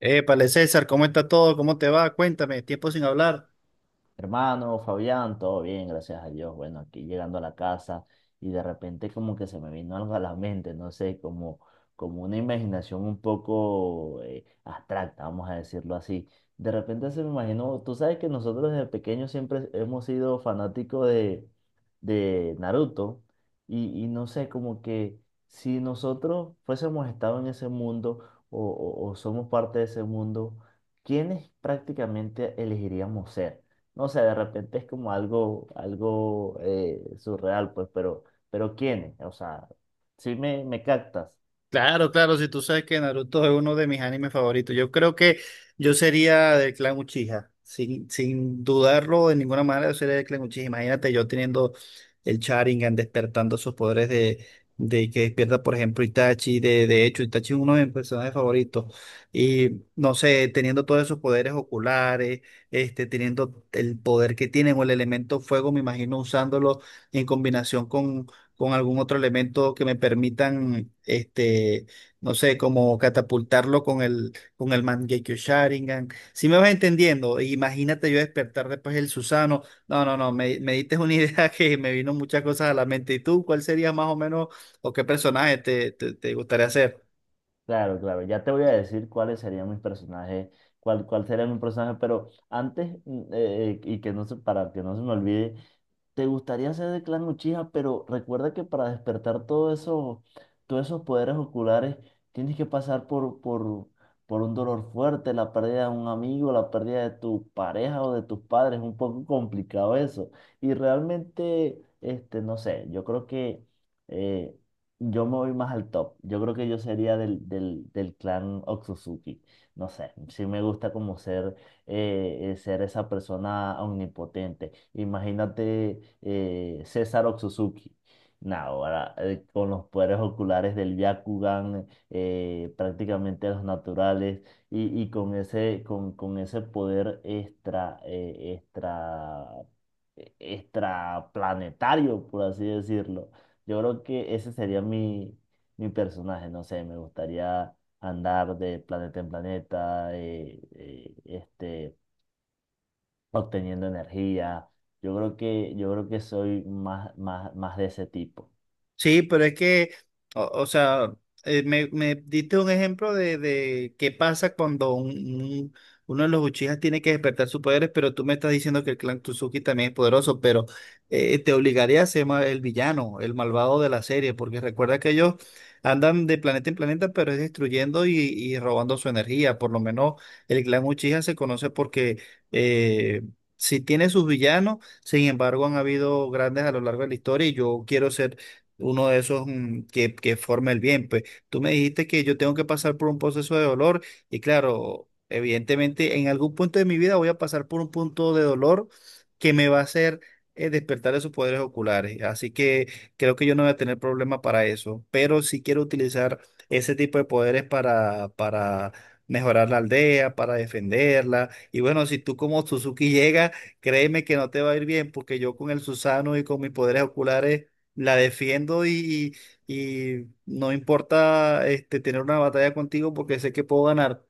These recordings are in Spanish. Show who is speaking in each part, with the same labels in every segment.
Speaker 1: Épale, César, ¿cómo está todo? ¿Cómo te va? Cuéntame, tiempo sin hablar.
Speaker 2: Hermano, Fabián, todo bien, gracias a Dios. Bueno, aquí llegando a la casa y de repente como que se me vino algo a la mente, no sé, como, como una imaginación un poco abstracta, vamos a decirlo así. De repente se me imaginó, tú sabes que nosotros desde pequeños siempre hemos sido fanáticos de Naruto y no sé, como que si nosotros fuésemos estado en ese mundo o o somos parte de ese mundo, ¿quiénes prácticamente elegiríamos ser? No sé, de repente es como algo, algo surreal, pues, pero ¿quiénes? O sea, sí me captas.
Speaker 1: Claro, claro, si tú sabes que Naruto es uno de mis animes favoritos, yo creo que yo sería del clan Uchiha, sin dudarlo de ninguna manera, yo sería del clan Uchiha. Imagínate yo teniendo el Sharingan, despertando sus poderes de que despierta, por ejemplo, Itachi, de hecho, Itachi es uno de mis personajes favoritos, y no sé, teniendo todos esos poderes oculares, este, teniendo el poder que tienen o el elemento fuego, me imagino usándolo en combinación con algún otro elemento que me permitan, este, no sé, como catapultarlo con el Mangekyo Sharingan. Si me vas entendiendo, e imagínate yo despertar después el Susano. No, no, no, me diste una idea que me vino muchas cosas a la mente. ¿Y tú cuál sería más o menos o qué personaje te gustaría hacer?
Speaker 2: Claro, claro. Ya te voy a decir cuáles serían mis personajes, cuál, cuál sería mi personaje, pero antes, y que no se, para que no se me olvide, ¿te gustaría ser de Clan Uchiha? Pero recuerda que para despertar todo eso, todos esos poderes oculares, tienes que pasar por un dolor fuerte, la pérdida de un amigo, la pérdida de tu pareja o de tus padres. Es un poco complicado eso. Y realmente, este, no sé, yo creo que eh, yo me voy más al top. Yo creo que yo sería del clan Otsutsuki. No sé, sí me gusta como ser, ser esa persona omnipotente. Imagínate César Otsutsuki. Nah, ahora con los poderes oculares del Byakugan, prácticamente los naturales, y con ese poder extra, extra planetario, por así decirlo, yo creo que ese sería mi, mi personaje, no sé, me gustaría andar de planeta en planeta, obteniendo energía. Yo creo que soy más, más, más de ese tipo.
Speaker 1: Sí, pero es que, o sea, me diste un ejemplo de qué pasa cuando un- uno de los Uchijas tiene que despertar sus poderes, pero tú me estás diciendo que el clan Tsuki también es poderoso, pero te obligaría a ser el villano, el malvado de la serie, porque recuerda que ellos andan de planeta en planeta, pero es destruyendo y robando su energía. Por lo menos el clan Uchiha se conoce porque eh, si tiene sus villanos, sin embargo, han habido grandes a lo largo de la historia y yo quiero ser uno de esos que forma el bien. Pues tú me dijiste que yo tengo que pasar por un proceso de dolor y claro, evidentemente en algún punto de mi vida voy a pasar por un punto de dolor que me va a hacer despertar esos poderes oculares. Así que creo que yo no voy a tener problema para eso, pero sí quiero utilizar ese tipo de poderes para mejorar la aldea, para defenderla. Y bueno, si tú como Suzuki llegas, créeme que no te va a ir bien porque yo con el Susano y con mis poderes oculares la defiendo y no importa este, tener una batalla contigo porque sé que puedo ganar.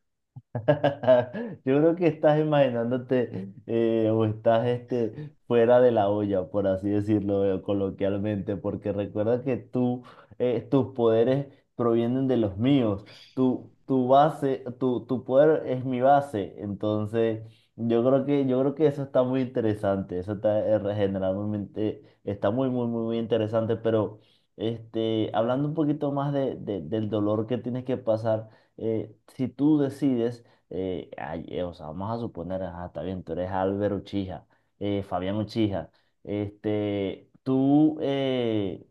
Speaker 2: Yo creo que estás imaginándote o estás fuera de la olla, por así decirlo, coloquialmente, porque recuerda que tú, tus poderes provienen de los míos. Tu base, tu poder es mi base. Entonces, yo creo que eso está muy interesante. Eso está regeneralmente, está muy, muy, muy, muy interesante. Pero este, hablando un poquito más del dolor que tienes que pasar, si tú decides o sea, vamos a suponer, ajá, está bien, tú eres Álvaro Uchija, Fabián Uchija, este, tú,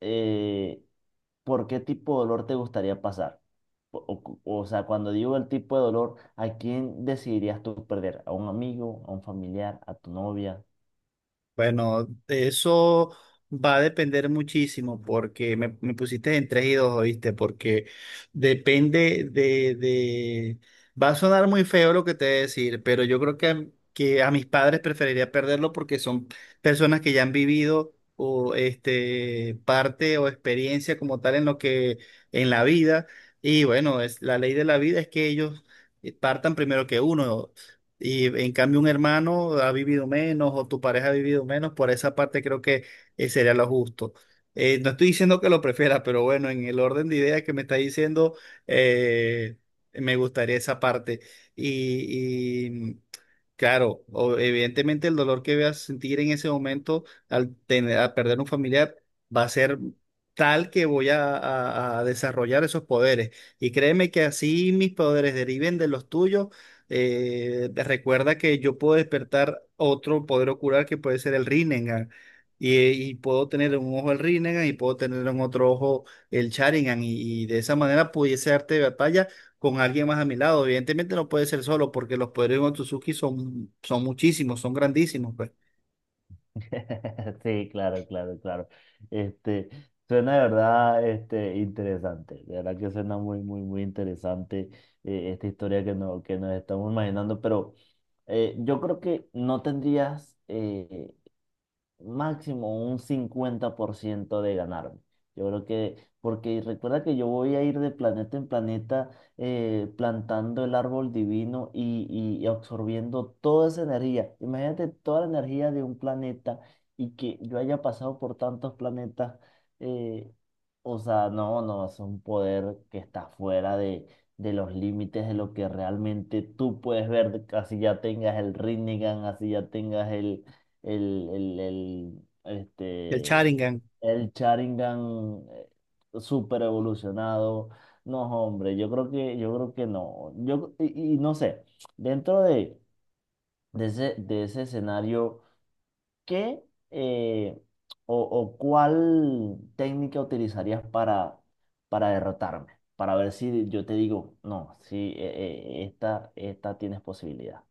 Speaker 2: eh, ¿por qué tipo de dolor te gustaría pasar? O, o sea, cuando digo el tipo de dolor, ¿a quién decidirías tú perder? ¿A un amigo, a un familiar, a tu novia?
Speaker 1: Bueno, de eso va a depender muchísimo porque me pusiste en tres y dos, ¿oíste? Porque depende de... Va a sonar muy feo lo que te voy a decir, pero yo creo que, que a mis padres preferiría perderlo porque son personas que ya han vivido o este, parte o experiencia como tal en lo que, en la vida. Y bueno, es, la ley de la vida es que ellos partan primero que uno. Y en cambio un hermano ha vivido menos o tu pareja ha vivido menos, por esa parte creo que sería lo justo. No estoy diciendo que lo prefiera, pero bueno, en el orden de ideas que me está diciendo, eh, me gustaría esa parte. Y, claro, evidentemente el dolor que voy a sentir en ese momento al tener, a perder un familiar va a ser tal que voy a, a desarrollar esos poderes. Y créeme que así mis poderes deriven de los tuyos. Recuerda que yo puedo despertar otro poder ocular que puede ser el Rinnegan. Y puedo tener en un ojo el Rinnegan y puedo tener en otro ojo el Sharingan. Y de esa manera pudiese darte batalla con alguien más a mi lado. Evidentemente no puede ser solo porque los poderes de Otsutsuki son, son muchísimos, son grandísimos, pues.
Speaker 2: Sí, claro, claro, claro. Este, suena de verdad, este, interesante. De verdad que suena muy, muy, muy interesante, esta historia que, no, que nos estamos imaginando. Pero yo creo que no tendrías, máximo un 50% de ganarme. Yo creo que, porque recuerda que yo voy a ir de planeta en planeta, plantando el árbol divino y absorbiendo toda esa energía. Imagínate toda la energía de un planeta y que yo haya pasado por tantos planetas. eh, o sea, no, no, es un poder que está fuera de los límites de lo que realmente tú puedes ver. Así ya tengas el Rinnegan, así ya tengas el, el, el,
Speaker 1: El
Speaker 2: este,
Speaker 1: Sharingan.
Speaker 2: el Sharingan, super evolucionado. No, hombre, yo creo que no. Yo, y no sé, dentro de ese escenario, ¿qué eh, o cuál técnica utilizarías para derrotarme? Para ver si yo te digo, no, si esta, esta tienes posibilidad.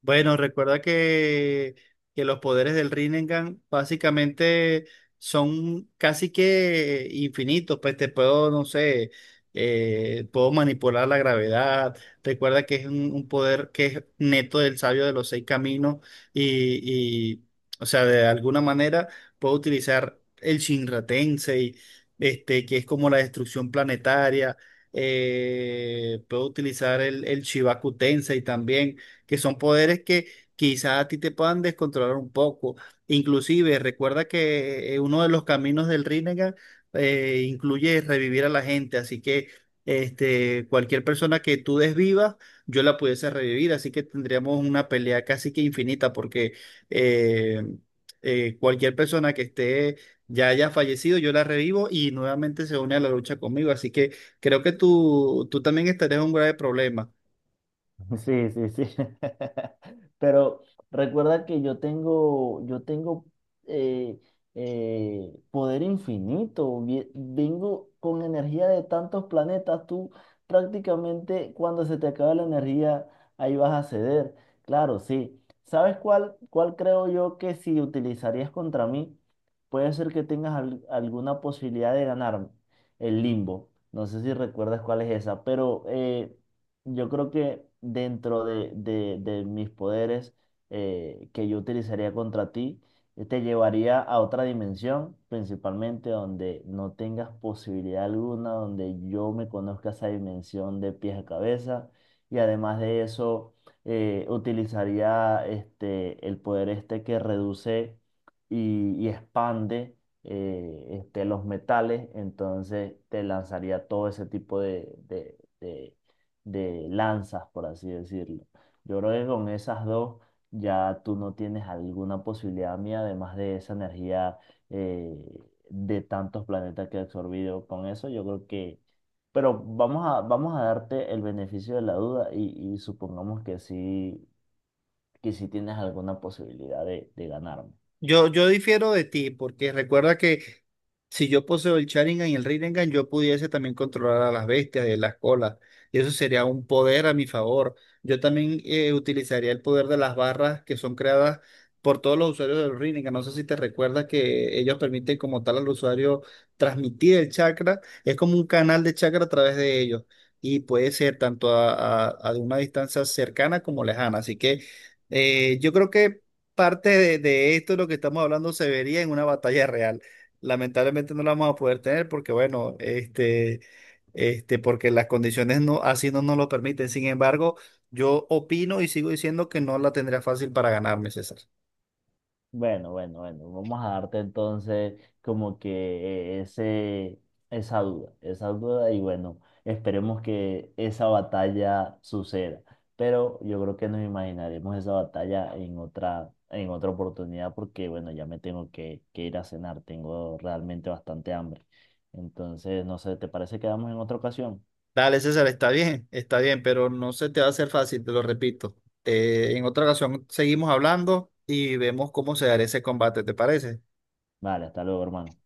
Speaker 1: Bueno, recuerda que los poderes del Rinnegan básicamente son casi que infinitos, pues te puedo, no sé, puedo manipular la gravedad, recuerda que es un poder que es neto del sabio de los seis caminos y, o sea, de alguna manera puedo utilizar el Shinra Tensei, este, que es como la destrucción planetaria, puedo utilizar el Shibaku Tensei también que son poderes que quizás a ti te puedan descontrolar un poco. Inclusive, recuerda que uno de los caminos del Rinnegan incluye revivir a la gente, así que este, cualquier persona que tú desvivas, yo la pudiese revivir, así que tendríamos una pelea casi que infinita, porque eh, cualquier persona que esté ya haya fallecido, yo la revivo y nuevamente se une a la lucha conmigo, así que creo que tú también estarías en un grave problema.
Speaker 2: Sí, sí, sí. Pero recuerda que yo tengo eh, poder infinito. Vengo con energía de tantos planetas. Tú prácticamente cuando se te acabe la energía, ahí vas a ceder. Claro, sí. ¿Sabes cuál, cuál creo yo que si utilizarías contra mí, puede ser que tengas alguna posibilidad de ganarme? El limbo. No sé si recuerdas cuál es esa, pero yo creo que dentro de, de mis poderes, que yo utilizaría contra ti, te llevaría a otra dimensión, principalmente donde no tengas posibilidad alguna, donde yo me conozca esa dimensión de pies a cabeza. Y además de eso, utilizaría el poder este que reduce y expande, los metales. Entonces te lanzaría todo ese tipo de de lanzas, por así decirlo. Yo creo que con esas dos ya tú no tienes alguna posibilidad mía, además de esa energía eh, de tantos planetas que he absorbido. Con eso yo creo que... Pero vamos a, vamos a darte el beneficio de la duda y supongamos que sí tienes alguna posibilidad de ganarme.
Speaker 1: Yo difiero de ti, porque recuerda que si yo poseo el Sharingan y el Rinnegan, yo pudiese también controlar a las bestias y las colas. Y eso sería un poder a mi favor. Yo también utilizaría el poder de las barras que son creadas por todos los usuarios del Rinnegan. No sé si te recuerdas que ellos permiten como tal al usuario transmitir el chakra. Es como un canal de chakra a través de ellos. Y puede ser tanto a, a de una distancia cercana como lejana. Así que yo creo que parte de esto, lo que estamos hablando, se vería en una batalla real. Lamentablemente no la vamos a poder tener porque, bueno, porque las condiciones no, así no nos lo permiten. Sin embargo, yo opino y sigo diciendo que no la tendría fácil para ganarme, César.
Speaker 2: Bueno, bueno, bueno, vamos a darte entonces como que ese, esa duda y bueno, esperemos que esa batalla suceda, pero yo creo que nos imaginaremos esa batalla en otra oportunidad porque bueno, ya me tengo que ir a cenar, tengo realmente bastante hambre, entonces no sé, ¿te parece que quedamos en otra ocasión?
Speaker 1: Dale, César, está bien, pero no se te va a hacer fácil, te lo repito. En otra ocasión seguimos hablando y vemos cómo se dará ese combate, ¿te parece?
Speaker 2: Vale, hasta luego, hermano.